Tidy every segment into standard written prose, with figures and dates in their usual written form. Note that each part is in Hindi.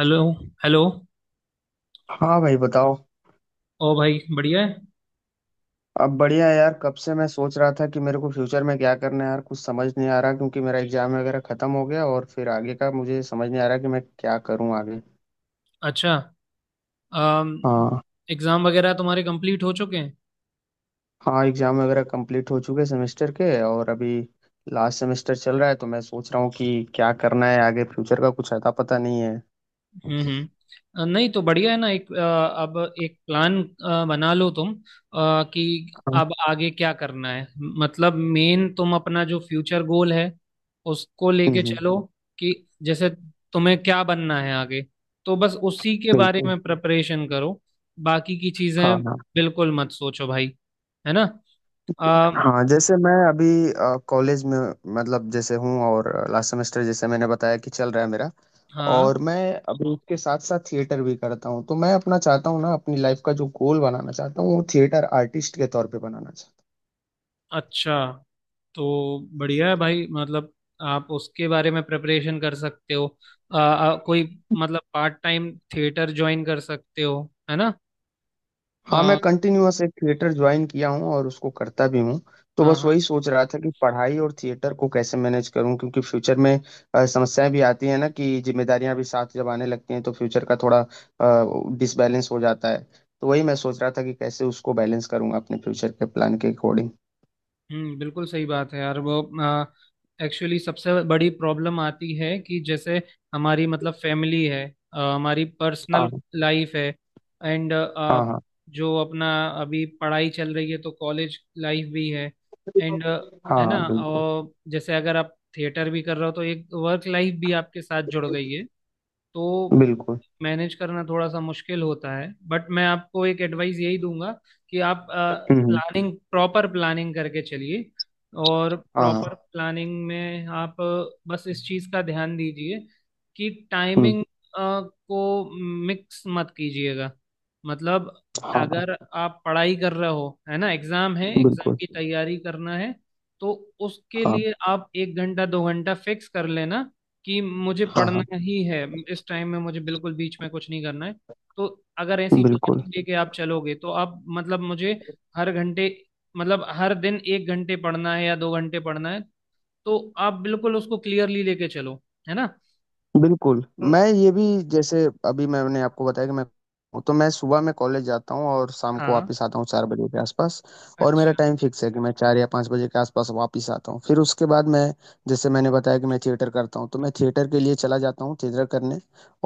हेलो। हेलो। हाँ भाई बताओ। ओ भाई बढ़िया है। अब बढ़िया है यार। कब से मैं सोच रहा था कि मेरे को फ्यूचर में क्या करना है यार, कुछ समझ नहीं आ रहा क्योंकि मेरा एग्जाम वगैरह खत्म हो गया और फिर आगे का मुझे समझ नहीं आ रहा कि मैं क्या करूँ आगे। अच्छा। अम, हाँ, एग्जाम वगैरह तुम्हारे कंप्लीट हो चुके हैं? हाँ एग्जाम वगैरह कंप्लीट हो चुके सेमेस्टर के, और अभी लास्ट सेमेस्टर चल रहा है तो मैं सोच रहा हूँ कि क्या करना है आगे, फ्यूचर का कुछ अता पता नहीं है। हम्म। नहीं तो बढ़िया है ना। अब एक प्लान बना लो तुम, कि हाँ, अब आगे क्या करना है। मतलब मेन तुम अपना जो फ्यूचर गोल है उसको हम्म लेके हम्म, चलो। कि जैसे तुम्हें क्या बनना है आगे, तो बस उसी के बारे बिल्कुल। में प्रिपरेशन करो। बाकी की हाँ चीजें हाँ। बिल्कुल मत सोचो भाई, है ना। अ, हाँ जैसे मैं अभी कॉलेज में मतलब जैसे हूँ, और लास्ट सेमेस्टर जैसे मैंने बताया कि चल रहा है मेरा। हाँ, और मैं अभी उसके साथ साथ थिएटर भी करता हूँ, तो मैं अपना चाहता हूँ ना, अपनी लाइफ का जो गोल बनाना चाहता हूँ वो थिएटर आर्टिस्ट के तौर पे बनाना चाहता हूँ। अच्छा तो बढ़िया है भाई। मतलब आप उसके बारे में प्रिपरेशन कर सकते हो। आ, आ, कोई, मतलब पार्ट टाइम थिएटर ज्वाइन कर सकते हो, है ना। हाँ मैं आ, कंटिन्यूअस एक थिएटर ज्वाइन किया हूँ और उसको करता भी हूँ। तो हाँ बस वही हाँ। सोच रहा था कि पढ़ाई और थिएटर को कैसे मैनेज करूँ क्योंकि फ्यूचर में समस्याएं भी आती है ना, कि जिम्मेदारियां भी साथ जब आने लगती हैं तो फ्यूचर का थोड़ा डिसबैलेंस हो जाता है। तो वही मैं सोच रहा था कि कैसे उसको बैलेंस करूंगा अपने फ्यूचर के प्लान के अकॉर्डिंग। हम्म, बिल्कुल सही बात है यार। वो एक्चुअली सबसे बड़ी प्रॉब्लम आती है कि जैसे हमारी मतलब फैमिली है, हमारी पर्सनल हाँ लाइफ है, एंड हाँ। हाँ जो अपना अभी पढ़ाई चल रही है तो कॉलेज लाइफ भी है, एंड हाँ है ना। हाँ। बिल्कुल। जैसे अगर आप थिएटर भी कर रहे हो तो एक वर्क लाइफ भी आपके साथ जुड़ गई है। तो बिल्कुल। मैनेज करना थोड़ा सा मुश्किल होता है, बट मैं आपको एक एडवाइस यही दूंगा कि आप हम्म हम्म। प्लानिंग, प्रॉपर प्लानिंग करके चलिए। और हाँ, प्रॉपर प्लानिंग में आप बस इस चीज़ का ध्यान दीजिए कि हुँ, टाइमिंग को मिक्स मत कीजिएगा। मतलब हाँ, अगर आप पढ़ाई कर रहे हो, है ना, एग्ज़ाम है, एग्ज़ाम बिल्कुल, की तैयारी करना है, तो उसके हाँ, लिए आप एक घंटा दो घंटा फिक्स कर लेना कि मुझे हाँ, पढ़ना हाँ, ही है। इस टाइम में मुझे बिल्कुल बीच में कुछ नहीं करना है। तो अगर ऐसी बिल्कुल, प्लानिंग लेके आप चलोगे तो आप मतलब मुझे हर घंटे, मतलब हर दिन एक घंटे पढ़ना है या दो घंटे पढ़ना है, तो आप बिल्कुल उसको क्लियरली लेके चलो, है ना। बिल्कुल। हम्म, मैं ये भी, जैसे अभी मैंने आपको बताया कि मैं, तो मैं सुबह में कॉलेज जाता हूँ और शाम को हाँ, वापस आता हूँ 4 बजे के आसपास। और मेरा अच्छा, टाइम फिक्स है कि मैं 4 या 5 बजे के आसपास वापस आता हूँ। फिर उसके बाद मैं, जैसे मैंने बताया कि मैं थिएटर करता हूँ, तो मैं थिएटर के लिए चला जाता हूँ, थिएटर करने।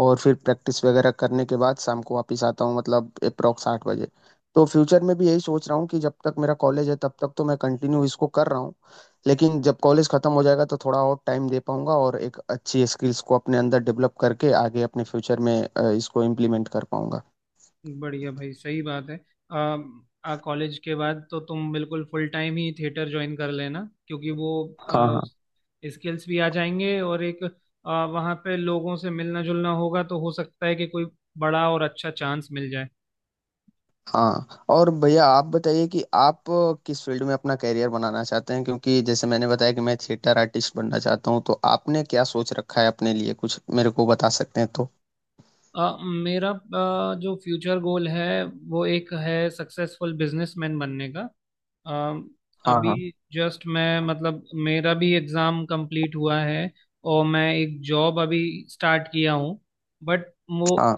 और फिर प्रैक्टिस वगैरह करने के बाद शाम को वापस आता हूँ, मतलब एप्रॉक्स 8 बजे। तो फ्यूचर में भी यही सोच रहा हूँ कि जब तक मेरा कॉलेज है तब तक तो मैं कंटिन्यू इसको कर रहा हूँ। लेकिन जब कॉलेज खत्म हो जाएगा तो थोड़ा और टाइम दे पाऊंगा और एक अच्छी स्किल्स को अपने अंदर डेवलप करके आगे अपने फ्यूचर में इसको इम्प्लीमेंट कर पाऊंगा। बढ़िया भाई, सही बात है। आ, आ कॉलेज के बाद तो तुम बिल्कुल फुल टाइम ही थिएटर ज्वाइन कर लेना क्योंकि वो हाँ हाँ। स्किल्स भी आ जाएंगे और एक वहाँ पे लोगों से मिलना जुलना होगा तो हो सकता है कि कोई बड़ा और अच्छा चांस मिल जाए। हाँ और भैया आप बताइए कि आप किस फील्ड में अपना कैरियर बनाना चाहते हैं, क्योंकि जैसे मैंने बताया कि मैं थिएटर आर्टिस्ट बनना चाहता हूँ, तो आपने क्या सोच रखा है अपने लिए, कुछ मेरे को बता सकते हैं तो। अ, मेरा जो फ्यूचर गोल है वो एक है सक्सेसफुल बिजनेसमैन बनने का। अ, हाँ अभी हाँ। जस्ट मैं, मतलब मेरा भी एग्ज़ाम कंप्लीट हुआ है और मैं एक जॉब अभी स्टार्ट किया हूँ। बट वो हाँ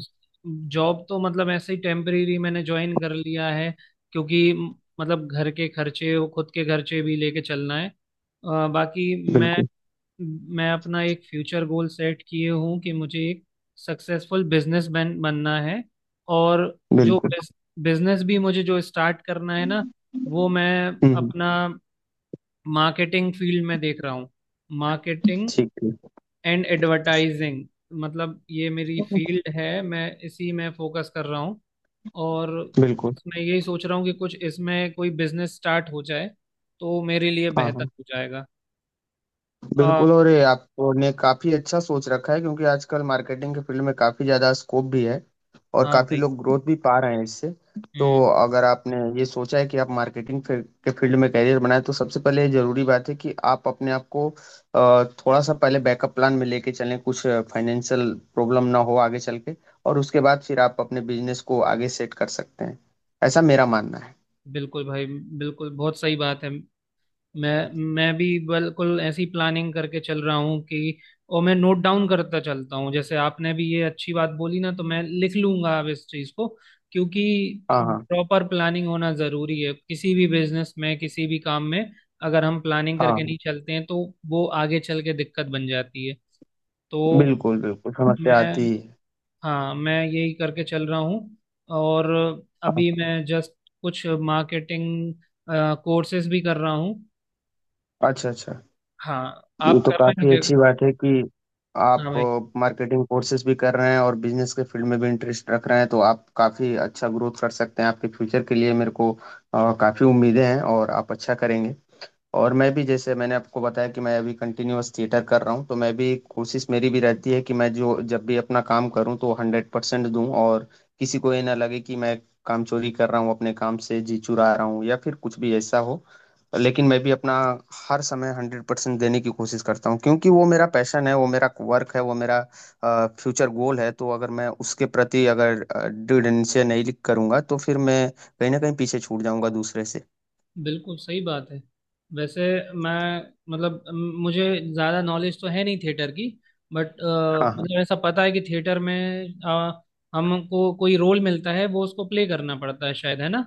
जॉब तो मतलब ऐसे ही टेम्परेरी मैंने ज्वाइन कर लिया है क्योंकि मतलब घर के खर्चे और खुद के खर्चे भी लेके चलना है। बाकी मैं बिल्कुल। मैं अपना एक फ्यूचर गोल सेट किए हूँ कि मुझे एक सक्सेसफुल बिजनेसमैन बनना है। और जो बिल्कुल। बिजनेस भी मुझे जो स्टार्ट करना है ना, वो मैं हम्म हम्म, अपना मार्केटिंग फील्ड में देख रहा हूँ। मार्केटिंग ठीक। एंड एडवर्टाइजिंग, मतलब ये मेरी ठीक। फील्ड है, मैं इसी में फोकस कर रहा हूँ। और बिल्कुल। मैं यही सोच रहा हूँ कि कुछ इसमें कोई बिजनेस स्टार्ट हो जाए तो मेरे लिए हाँ बेहतर हाँ हो जाएगा। आ, बिल्कुल, और ये आपने काफी अच्छा सोच रखा है क्योंकि आजकल मार्केटिंग के फील्ड में काफी ज्यादा स्कोप भी है, और हाँ काफी भाई। लोग ग्रोथ भी पा रहे हैं इससे। तो हम्म, अगर आपने ये सोचा है कि आप मार्केटिंग के फील्ड में करियर बनाए, तो सबसे पहले ये जरूरी बात है कि आप अपने आप को थोड़ा सा पहले बैकअप प्लान में लेके चलें, कुछ फाइनेंशियल प्रॉब्लम ना हो आगे चल के। और उसके बाद फिर आप अपने बिजनेस को आगे सेट कर सकते हैं। ऐसा मेरा मानना है। बिल्कुल भाई, बिल्कुल बहुत सही बात है। मैं भी बिल्कुल ऐसी प्लानिंग करके चल रहा हूँ कि, और मैं नोट डाउन करता चलता हूँ। जैसे आपने भी ये अच्छी बात बोली ना तो मैं लिख लूंगा अब इस चीज़ को, क्योंकि हाँ हाँ। प्रॉपर प्लानिंग होना ज़रूरी है किसी भी बिजनेस में, किसी भी काम में। अगर हम प्लानिंग करके हाँ। नहीं चलते हैं तो वो आगे चल के दिक्कत बन जाती है। तो बिल्कुल। बिल्कुल समस्या मैं, आती है। हाँ मैं यही करके चल रहा हूँ। और हाँ। अभी मैं जस्ट कुछ मार्केटिंग कोर्सेज भी कर रहा हूँ। अच्छा अच्छा। हाँ, ये आप तो कर रहे हैं काफी क्या? अच्छी बात है कि हाँ भाई। आप मार्केटिंग कोर्सेज भी कर रहे हैं और बिजनेस के फील्ड में भी इंटरेस्ट रख रहे हैं, तो आप काफी अच्छा ग्रोथ कर सकते हैं, आपके फ्यूचर के लिए मेरे को काफी उम्मीदें हैं और आप अच्छा करेंगे। और मैं भी, जैसे मैंने आपको बताया कि मैं अभी कंटिन्यूअस थिएटर कर रहा हूँ, तो मैं भी कोशिश, मेरी भी रहती है कि मैं जो जब भी अपना काम करूँ तो 100% दूँ। और किसी को ये ना लगे कि मैं काम चोरी कर रहा हूँ, अपने काम से जी चुरा रहा हूँ, या फिर कुछ भी ऐसा हो। लेकिन मैं भी अपना हर समय 100% देने की कोशिश करता हूँ, क्योंकि वो मेरा पैशन है, वो मेरा वर्क है, वो मेरा फ्यूचर गोल है। तो अगर मैं उसके प्रति अगर दृढ़ निश्चय नहीं करूंगा, तो फिर मैं कहीं ना कहीं पीछे छूट जाऊंगा दूसरे से। बिल्कुल सही बात है। वैसे मैं, मतलब मुझे ज़्यादा नॉलेज तो है नहीं थिएटर की, बट हाँ हाँ। मतलब ऐसा पता है कि थिएटर में अ, हमको कोई रोल मिलता है वो उसको प्ले करना पड़ता है शायद, है ना।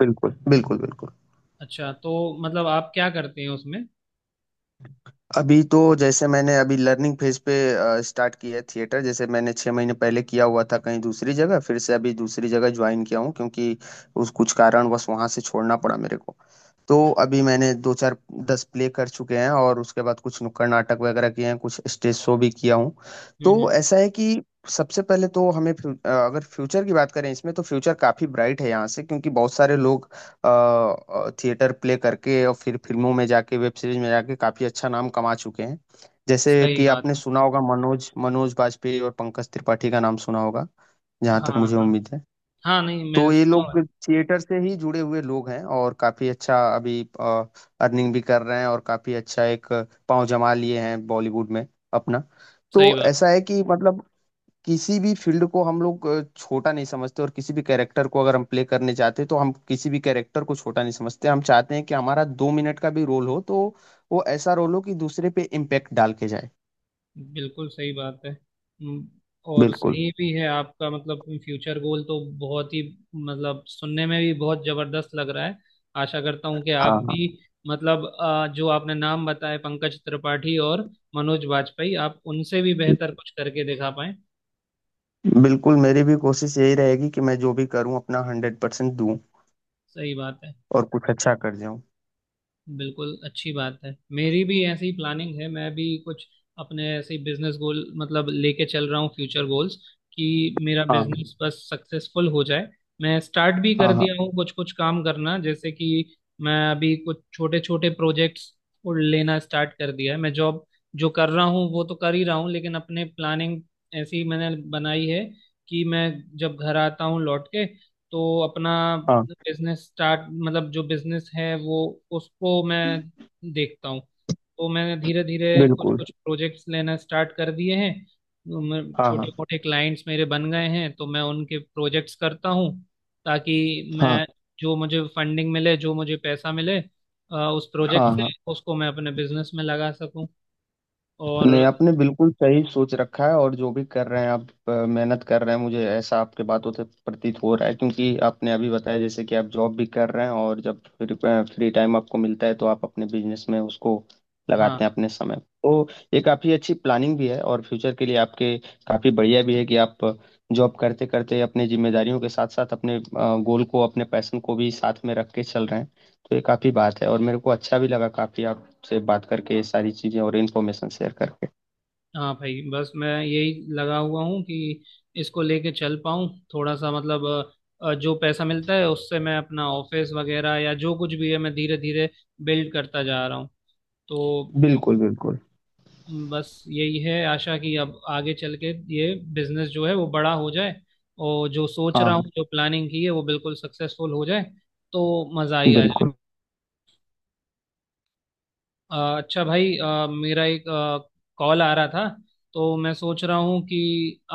बिल्कुल। बिल्कुल बिल्कुल। अच्छा, तो मतलब आप क्या करते हैं उसमें? अभी तो, जैसे मैंने अभी लर्निंग फेज पे स्टार्ट किया है थिएटर, जैसे मैंने 6 महीने पहले किया हुआ था कहीं दूसरी जगह, फिर से अभी दूसरी जगह ज्वाइन किया हूँ क्योंकि उस कुछ कारणवश वहाँ से छोड़ना पड़ा मेरे को। तो अभी मैंने दो चार दस प्ले कर चुके हैं, और उसके बाद कुछ नुक्कड़ नाटक वगैरह किए हैं, कुछ स्टेज शो भी किया हूँ। तो हम्म। ऐसा है कि सबसे पहले तो हमें अगर फ्यूचर की बात करें इसमें, तो फ्यूचर काफी ब्राइट है यहाँ से, क्योंकि बहुत सारे लोग थिएटर प्ले करके और फिर फिल्मों में जाके, वेब सीरीज में जाके काफी अच्छा नाम कमा चुके हैं। जैसे सही कि बात आपने है। सुना होगा, मनोज मनोज बाजपेयी और पंकज त्रिपाठी का नाम सुना होगा, जहाँ हाँ तक मुझे हाँ। उम्मीद है। हाँ, नहीं तो मैंने ये सुना हुआ लोग है। थिएटर से ही जुड़े हुए लोग हैं, और काफी अच्छा अभी अर्निंग भी कर रहे हैं, और काफी अच्छा एक पांव जमा लिए हैं बॉलीवुड में अपना। सही तो बात। ऐसा है कि मतलब किसी भी फील्ड को हम लोग छोटा नहीं समझते, और किसी भी कैरेक्टर को अगर हम प्ले करने चाहते हैं तो हम किसी भी कैरेक्टर को छोटा नहीं समझते, हम चाहते हैं कि हमारा 2 मिनट का भी रोल हो तो वो ऐसा रोल हो कि दूसरे पे इम्पेक्ट डाल के जाए। बिल्कुल सही बात है। और बिल्कुल। सही भी है आपका। मतलब फ्यूचर गोल तो बहुत ही, मतलब सुनने में भी बहुत जबरदस्त लग रहा है। आशा करता हूँ कि आप हाँ हाँ। भी, मतलब जो आपने नाम बताए, पंकज त्रिपाठी और मनोज बाजपेयी, आप उनसे भी बेहतर कुछ करके दिखा पाए। बिल्कुल मेरी भी कोशिश यही रहेगी कि मैं जो भी करूँ अपना 100% दूँ, सही बात है। और कुछ अच्छा कर जाऊँ। बिल्कुल अच्छी बात है। मेरी भी ऐसी ही प्लानिंग है। मैं भी कुछ अपने ऐसे बिजनेस गोल मतलब लेके चल रहा हूँ, फ्यूचर गोल्स, कि मेरा हाँ बिजनेस बस सक्सेसफुल हो जाए। मैं स्टार्ट भी कर हाँ। हाँ दिया हूँ कुछ कुछ काम करना। जैसे कि मैं अभी कुछ छोटे छोटे प्रोजेक्ट्स लेना स्टार्ट कर दिया है। मैं जॉब जो कर रहा हूँ वो तो कर ही रहा हूँ, लेकिन अपने प्लानिंग ऐसी मैंने बनाई है कि मैं जब घर आता हूँ लौट के तो अपना हाँ बिजनेस स्टार्ट, मतलब जो बिजनेस है वो, उसको मैं देखता हूँ। तो मैंने धीरे धीरे कुछ बिल्कुल। कुछ प्रोजेक्ट्स लेना स्टार्ट कर दिए हैं। हाँ छोटे हाँ। मोटे क्लाइंट्स मेरे बन गए हैं तो मैं उनके प्रोजेक्ट्स करता हूँ, ताकि हाँ मैं जो मुझे फंडिंग मिले, जो मुझे पैसा मिले, उस प्रोजेक्ट हाँ। से हाँ उसको मैं अपने बिजनेस में लगा सकूं। और नहीं आपने बिल्कुल सही सोच रखा है, और जो भी कर रहे हैं आप, मेहनत कर रहे हैं, मुझे ऐसा आपके बातों से प्रतीत हो रहा है, क्योंकि आपने अभी बताया जैसे कि आप जॉब भी कर रहे हैं, और जब फ्री टाइम आपको मिलता है तो आप अपने बिजनेस में उसको हाँ, लगाते हैं अपने समय। तो ये काफ़ी अच्छी प्लानिंग भी है, और फ्यूचर के लिए आपके काफ़ी बढ़िया भी है कि आप जॉब करते करते अपने जिम्मेदारियों के साथ साथ अपने गोल को, अपने पैशन को भी साथ में रख के चल रहे हैं। तो ये काफ़ी बात है, और मेरे को अच्छा भी लगा, काफ़ी आपसे बात करके, ये सारी चीज़ें और इन्फॉर्मेशन शेयर करके। हाँ भाई, बस मैं यही लगा हुआ हूँ कि इसको लेके चल पाऊँ। थोड़ा सा मतलब जो पैसा मिलता है उससे मैं अपना ऑफिस वगैरह या जो कुछ भी है मैं धीरे धीरे बिल्ड करता जा रहा हूँ। तो बिल्कुल, बिल्कुल। बस यही है आशा कि अब आगे चल के ये बिजनेस जो है वो बड़ा हो जाए, और जो सोच हाँ, रहा हाँ, हूँ जो प्लानिंग की है वो बिल्कुल सक्सेसफुल हो जाए, तो मज़ा ही आ जाए। बिल्कुल। अच्छा भाई, मेरा एक कॉल आ रहा था, तो मैं सोच रहा हूँ कि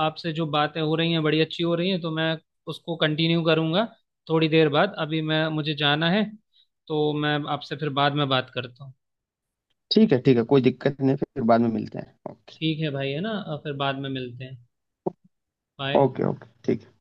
आपसे जो बातें हो रही हैं बड़ी अच्छी हो रही हैं, तो मैं उसको कंटिन्यू करूँगा थोड़ी देर बाद। अभी मैं, मुझे जाना है, तो मैं आपसे फिर बाद में बात करता हूँ। ठीक है, कोई दिक्कत नहीं, फिर बाद में मिलते हैं। ओके, ठीक है भाई, है ना, फिर बाद में मिलते हैं। बाय। ओके, ओके, ठीक। है।